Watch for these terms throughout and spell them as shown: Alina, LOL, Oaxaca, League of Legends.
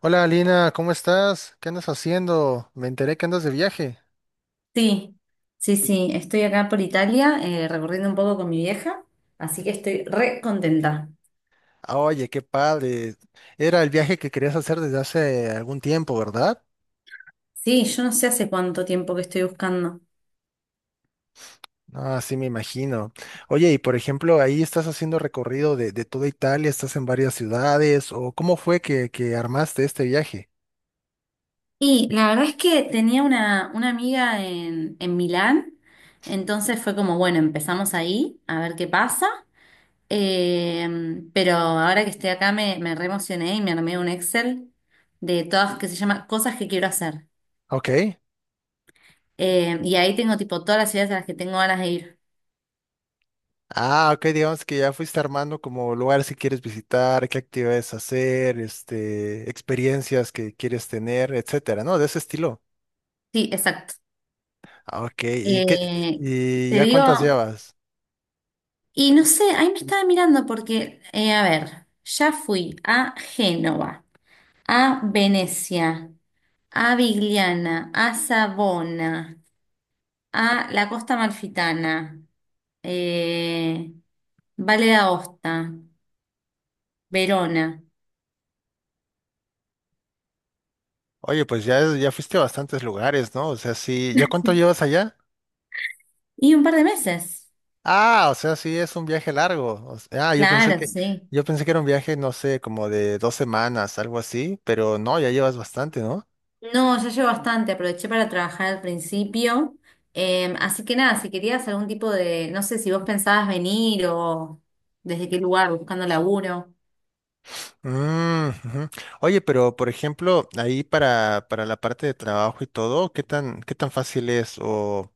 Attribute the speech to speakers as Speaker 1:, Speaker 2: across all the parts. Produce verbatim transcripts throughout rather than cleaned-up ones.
Speaker 1: Hola Alina, ¿cómo estás? ¿Qué andas haciendo? Me enteré que andas de viaje.
Speaker 2: Sí, sí, sí, estoy acá por Italia, eh, recorriendo un poco con mi vieja, así que estoy re contenta.
Speaker 1: Ah, oye, qué padre. Era el viaje que querías hacer desde hace algún tiempo, ¿verdad?
Speaker 2: Sí, yo no sé hace cuánto tiempo que estoy buscando.
Speaker 1: Ah, sí, me imagino. Oye, y por ejemplo, ahí estás haciendo recorrido de, de toda Italia, estás en varias ciudades, o ¿cómo fue que, que armaste este viaje?
Speaker 2: Y la verdad es que tenía una, una amiga en, en Milán, entonces fue como, bueno, empezamos ahí, a ver qué pasa. Eh, pero ahora que estoy acá me, me re emocioné y me armé un Excel de todas que se llama cosas que quiero hacer.
Speaker 1: Ok.
Speaker 2: Eh, y ahí tengo tipo todas las ciudades a las que tengo ganas de ir.
Speaker 1: Ah, ok, digamos que ya fuiste armando como lugares que quieres visitar, qué actividades hacer, este, experiencias que quieres tener, etcétera, ¿no? De ese estilo.
Speaker 2: Sí, exacto.
Speaker 1: Ah, ok, ¿y qué,
Speaker 2: Eh,
Speaker 1: y
Speaker 2: Te
Speaker 1: ya cuántas
Speaker 2: digo,
Speaker 1: llevas?
Speaker 2: y no sé, ahí me estaba mirando porque, eh, a ver, ya fui a Génova, a Venecia, a Vigliana, a Savona, a la Costa Amalfitana, eh, Valle d'Aosta, Verona,
Speaker 1: Oye, pues ya, ya fuiste a bastantes lugares, ¿no? O sea, sí, ¿ya cuánto llevas allá?
Speaker 2: y un par de meses.
Speaker 1: Ah, o sea, sí, es un viaje largo. O sea, ah, yo pensé
Speaker 2: Claro,
Speaker 1: que,
Speaker 2: sí.
Speaker 1: yo pensé que era un viaje, no sé, como de dos semanas, algo así, pero no, ya llevas bastante, ¿no?
Speaker 2: No, ya llevo bastante, aproveché para trabajar al principio. Em, así que nada, si querías algún tipo de, no sé si vos pensabas venir o desde qué lugar, buscando laburo.
Speaker 1: Mm, ujú. Oye, pero por ejemplo, ahí para, para la parte de trabajo y todo, ¿qué tan, ¿qué tan fácil es? O,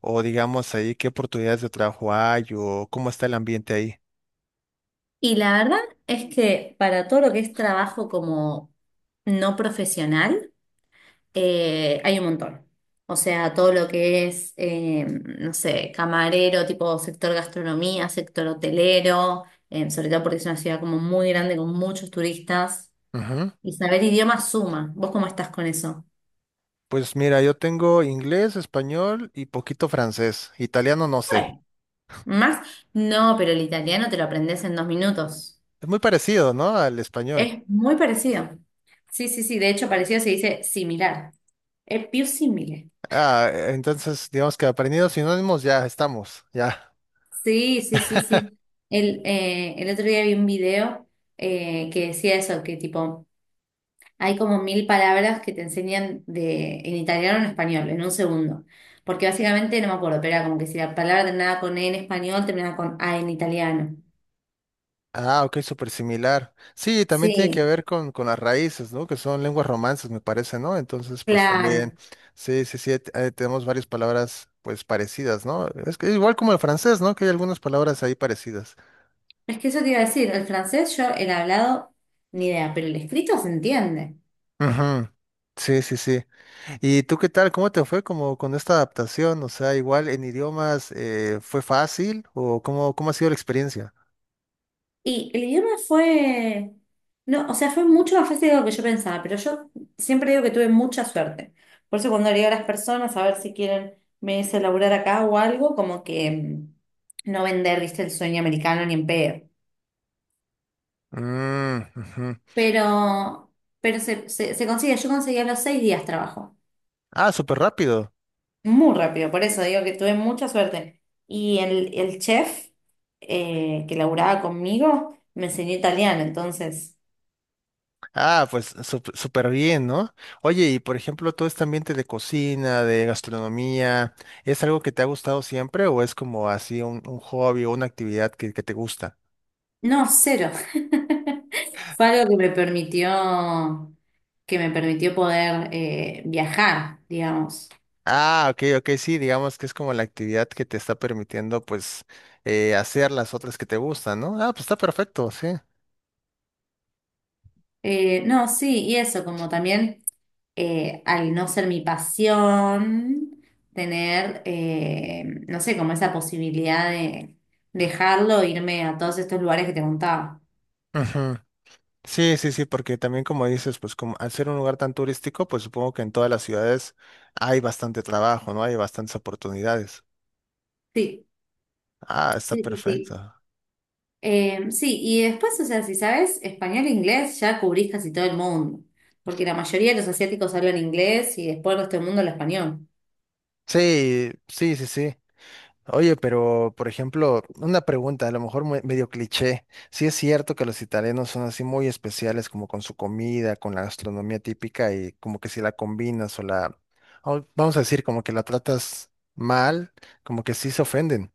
Speaker 1: o digamos ahí, ¿qué oportunidades de trabajo hay? ¿O cómo está el ambiente
Speaker 2: Y la verdad es que para todo lo que es trabajo como no profesional, eh, hay un montón. O sea, todo lo que es, em, no sé, camarero, tipo sector gastronomía, sector hotelero, em, sobre todo porque es una ciudad como muy grande con muchos turistas.
Speaker 1: ahí?
Speaker 2: Y saber idiomas suma. ¿Vos cómo estás con eso?
Speaker 1: Pues mira, yo tengo inglés, español y poquito francés. Italiano no sé.
Speaker 2: Bueno, ¿más? No, pero el italiano te lo aprendes en dos minutos.
Speaker 1: Es muy parecido, ¿no? Al español.
Speaker 2: Es muy parecido. Sí, sí, sí. De hecho, parecido se dice similar. Es più simile.
Speaker 1: Ah, e, entonces digamos que aprendido sinónimos ya estamos, ya.
Speaker 2: Sí, sí, sí, sí. El, eh, el otro día vi un video eh, que decía eso, que tipo, hay como mil palabras que te enseñan de, en italiano o en español, en un segundo. Porque básicamente, no me acuerdo, pero era como que si la palabra terminaba con E en español, terminaba con A en italiano.
Speaker 1: Ah, ok, súper similar. Sí, también tiene que
Speaker 2: Sí,
Speaker 1: ver con, con las raíces, ¿no? Que son lenguas romances, me parece, ¿no? Entonces, pues
Speaker 2: claro,
Speaker 1: también, sí, sí, sí, t- eh, tenemos varias palabras, pues parecidas, ¿no? Es que igual como el francés, ¿no? Que hay algunas palabras ahí parecidas.
Speaker 2: es que eso te iba a decir, el francés yo el hablado ni idea, pero el escrito se entiende.
Speaker 1: Ujú. Sí, sí, sí. ¿Y tú qué tal? ¿Cómo te fue como con esta adaptación? O sea, igual en idiomas eh, fue fácil o cómo, ¿cómo ha sido la experiencia?
Speaker 2: Y el idioma fue, no, o sea, fue mucho más fácil de lo que yo pensaba, pero yo siempre digo que tuve mucha suerte. Por eso cuando le digo a las personas a ver si quieren venirse a laburar acá o algo, como que mm, no vender, viste, el sueño americano ni en pedo.
Speaker 1: Mm, ujú.
Speaker 2: Pero, pero se, se, se consigue, yo conseguí a los seis días trabajo.
Speaker 1: Ah, súper rápido.
Speaker 2: Muy rápido, por eso digo que tuve mucha suerte. Y el, el chef eh, que laburaba conmigo me enseñó italiano, entonces,
Speaker 1: Ah, pues sup- súper bien, ¿no? Oye, y por ejemplo, todo este ambiente de cocina, de gastronomía, ¿es algo que te ha gustado siempre o es como así un, un hobby o una actividad que, que te gusta?
Speaker 2: no, cero. Fue algo que me permitió, que me permitió poder eh, viajar, digamos.
Speaker 1: Ah, ok, ok, sí, digamos que es como la actividad que te está permitiendo pues eh, hacer las otras que te gustan, ¿no? Ah, pues está perfecto, sí.
Speaker 2: Eh, no, sí, y eso, como también eh, al no ser mi pasión, tener, eh, no sé, como esa posibilidad de dejarlo, irme a todos estos lugares que te contaba.
Speaker 1: Ujú. Sí, sí, sí, porque también como dices, pues como al ser un lugar tan turístico, pues supongo que en todas las ciudades hay bastante trabajo, ¿no? Hay bastantes oportunidades.
Speaker 2: Sí.
Speaker 1: Ah, está
Speaker 2: Sí, sí,
Speaker 1: perfecto.
Speaker 2: sí. Eh, sí, y después, o sea, si sabes español e inglés, ya cubrís casi todo el mundo, porque la mayoría de los asiáticos hablan inglés y después el resto del mundo habla español.
Speaker 1: Sí, sí, sí, sí. Oye, pero por ejemplo, una pregunta, a lo mejor mue- medio cliché. Sí es cierto que los italianos son así muy especiales como con su comida, con la gastronomía típica y como que si la combinas o la, o vamos a decir, como que la tratas mal, como que sí se ofenden.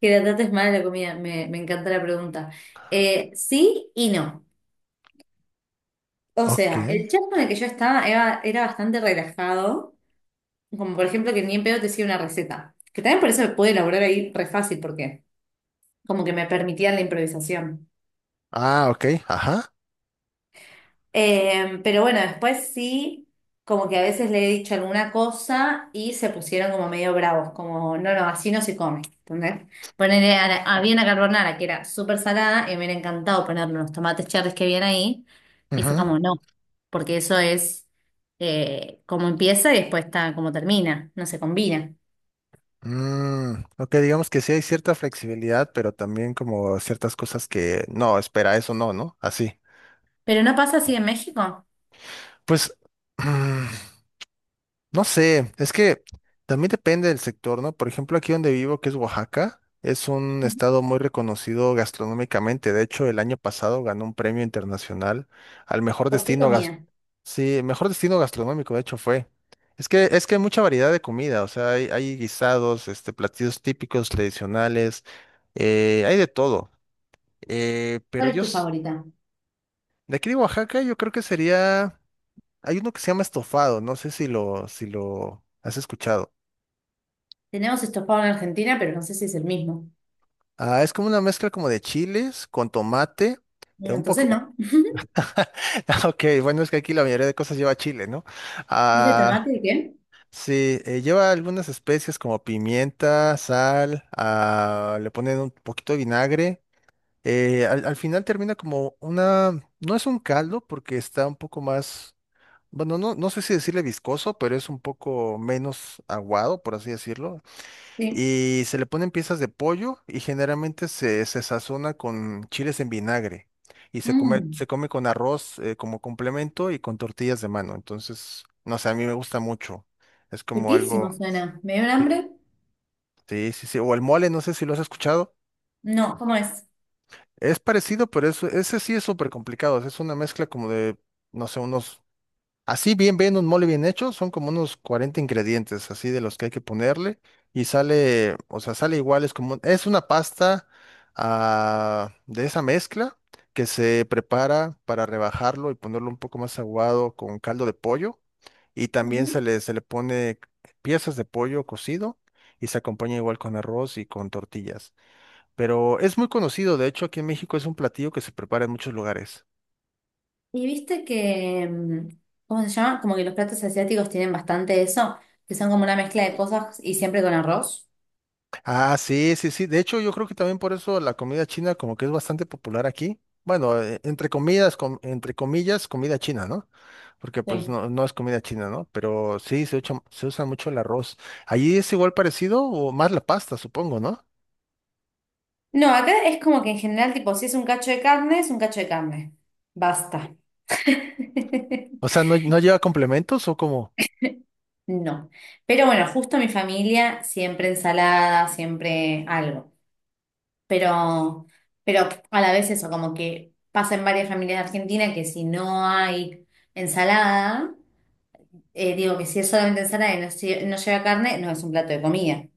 Speaker 2: Que la trates mal la comida, me, me encanta la pregunta. Eh, sí y no. O
Speaker 1: Ok.
Speaker 2: sea, el chat con el que yo estaba era, era bastante relajado, como por ejemplo que ni en pedo te decía una receta, que también por eso pude elaborar ahí re fácil, porque como que me permitían la improvisación.
Speaker 1: Ah, ok, ajá.
Speaker 2: Eh, pero bueno, después sí, como que a veces le he dicho alguna cosa y se pusieron como medio bravos, como, no, no, así no se come, ¿entendés? Ponerle, a la- había una carbonara que era súper salada y me hubiera encantado ponerle unos tomates cherries que habían ahí y fue
Speaker 1: Ajá.
Speaker 2: como, no, porque eso es eh, como empieza y después está como termina, no se combina.
Speaker 1: Mm, ok, digamos que sí hay cierta flexibilidad, pero también como ciertas cosas que no, espera, eso no, ¿no? Así.
Speaker 2: Pero no pasa así en México.
Speaker 1: Pues, mm, no sé, es que también depende del sector, ¿no? Por ejemplo, aquí donde vivo, que es Oaxaca, es un
Speaker 2: Ujú.
Speaker 1: estado muy reconocido gastronómicamente. De hecho, el año pasado ganó un premio internacional al mejor
Speaker 2: ¿Por qué
Speaker 1: destino.
Speaker 2: comida?
Speaker 1: Sí, el mejor destino gastronómico, de hecho, fue. Es que, es que hay mucha variedad de comida, o sea, hay, hay guisados, este, platillos típicos, tradicionales, eh, hay de todo. Eh, pero
Speaker 2: ¿Cuál es
Speaker 1: yo,
Speaker 2: tu
Speaker 1: s-
Speaker 2: favorita?
Speaker 1: de aquí de Oaxaca, yo creo que sería, hay uno que se llama estofado, no sé si lo, si lo has escuchado.
Speaker 2: Tenemos estofado en Argentina, pero no sé si es el mismo.
Speaker 1: Ah, es como una mezcla como de chiles con tomate, eh, un
Speaker 2: Entonces
Speaker 1: poco,
Speaker 2: no.
Speaker 1: ok, bueno, es que aquí la mayoría de cosas lleva chile, ¿no?
Speaker 2: ¿Y de
Speaker 1: Ah,
Speaker 2: tomate de qué?
Speaker 1: sí, eh, lleva algunas especies como pimienta, sal, ah, le ponen un poquito de vinagre. eh, al, al final termina como una, no es un caldo porque está un poco más, bueno, no, no sé si decirle viscoso, pero es un poco menos aguado, por así decirlo.
Speaker 2: Sí.
Speaker 1: Y se le ponen piezas de pollo y generalmente se, se sazona con chiles en vinagre. Y se come,
Speaker 2: Mmm,
Speaker 1: se come con arroz, eh, como complemento y con tortillas de mano. Entonces, no sé, a mí me gusta mucho. Es como
Speaker 2: riquísimo
Speaker 1: algo.
Speaker 2: suena. ¿Me dio un
Speaker 1: Sí.
Speaker 2: hambre?
Speaker 1: Sí, sí, sí. O el mole, no sé si lo has escuchado.
Speaker 2: No, ¿cómo es?
Speaker 1: Es parecido, pero es- ese sí es súper complicado. Es una mezcla como de, no sé, unos. Así bien, bien, un mole bien hecho, son como unos cuarenta ingredientes, así de los que hay que ponerle, y sale, o sea, sale igual, es como, un- es una pasta, ah, de esa mezcla que se prepara para rebajarlo y ponerlo un poco más aguado con caldo de pollo, y también
Speaker 2: Ujú.
Speaker 1: se le, se le pone piezas de pollo cocido, y se acompaña igual con arroz y con tortillas. Pero es muy conocido, de hecho, aquí en México es un platillo que se prepara en muchos lugares.
Speaker 2: Y viste que, mm, ¿cómo se llama? Como que los platos asiáticos tienen bastante eso, que son como una mezcla de cosas y siempre con arroz.
Speaker 1: Ah, sí, sí, sí. De hecho, yo creo que también por eso la comida china como que es bastante popular aquí. Bueno, eh, entre comidas, com- entre comillas, comida china, ¿no? Porque pues
Speaker 2: Sí.
Speaker 1: no, no es comida china, ¿no? Pero sí, se usa, se usa mucho el arroz. ¿Allí es igual parecido o más la pasta, supongo, ¿no?
Speaker 2: No, acá es como que en general, tipo, si es un cacho de carne, es un cacho de carne. Basta.
Speaker 1: O sea, ¿no, no lleva complementos o como?
Speaker 2: No. Pero bueno, justo mi familia, siempre ensalada, siempre algo. Pero, pero a la vez eso, como que pasa en varias familias de Argentina que si no hay ensalada, eh, digo que si es solamente ensalada y no, lle- no lleva carne, no es un plato de comida.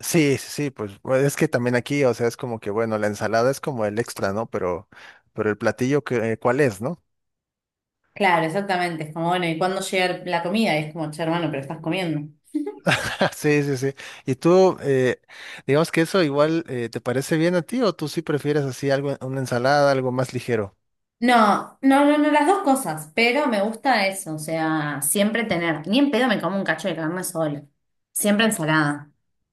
Speaker 1: Sí, sí, sí, pues bueno, es que también aquí, o sea, es como que, bueno, la ensalada es como el extra, ¿no? Pero, pero el platillo, que, eh, ¿cuál es, no?
Speaker 2: Claro, exactamente. Es como, bueno, ¿y cuándo llega la comida? Y es como, che, hermano, pero estás comiendo.
Speaker 1: Sí, sí, sí. ¿Y tú, eh, digamos que eso igual eh, te parece bien a ti o tú sí prefieres así algo, una ensalada, algo más ligero?
Speaker 2: No, no, no, no, las dos cosas, pero me gusta eso, o sea, siempre tener, ni en pedo me como un cacho de carne sola, siempre ensalada.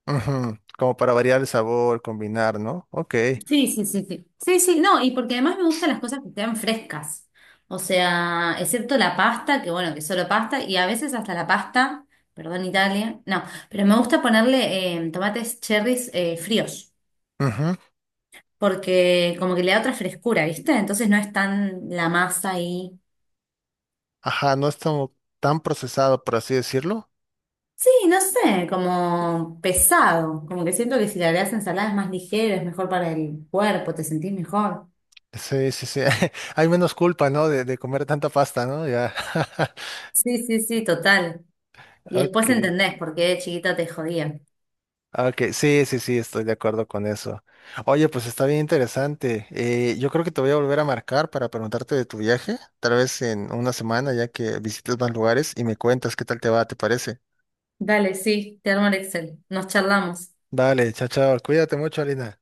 Speaker 1: Ujú, como para variar el sabor, combinar, ¿no? Ok.
Speaker 2: Sí, sí, sí, sí. Sí, sí, no, y porque además me gustan las cosas que sean frescas. O sea, excepto la pasta, que bueno, que solo pasta, y a veces hasta la pasta, perdón Italia, no, pero me gusta ponerle eh, tomates cherries eh, fríos,
Speaker 1: Ujú.
Speaker 2: porque como que le da otra frescura, ¿viste? Entonces no es tan la masa ahí.
Speaker 1: Ajá, no es tan, tan procesado, por así decirlo.
Speaker 2: Sí, no sé, como pesado, como que siento que si le agregas ensalada es más ligero, es mejor para el cuerpo, te sentís mejor.
Speaker 1: Sí, sí, sí. Hay menos culpa, ¿no? De, de comer tanta pasta, ¿no? Ya.
Speaker 2: Sí, sí, sí, total. Y
Speaker 1: Ok.
Speaker 2: después entendés por qué de chiquita te jodían.
Speaker 1: Ok, sí, sí, sí, estoy de acuerdo con eso. Oye, pues está bien interesante. Eh, yo creo que te voy a volver a marcar para preguntarte de tu viaje, tal vez en una semana ya que visites más lugares y me cuentas qué tal te va, ¿te parece?
Speaker 2: Dale, sí, te armo el Excel. Nos charlamos.
Speaker 1: Vale, chao, chao. Cuídate mucho, Alina.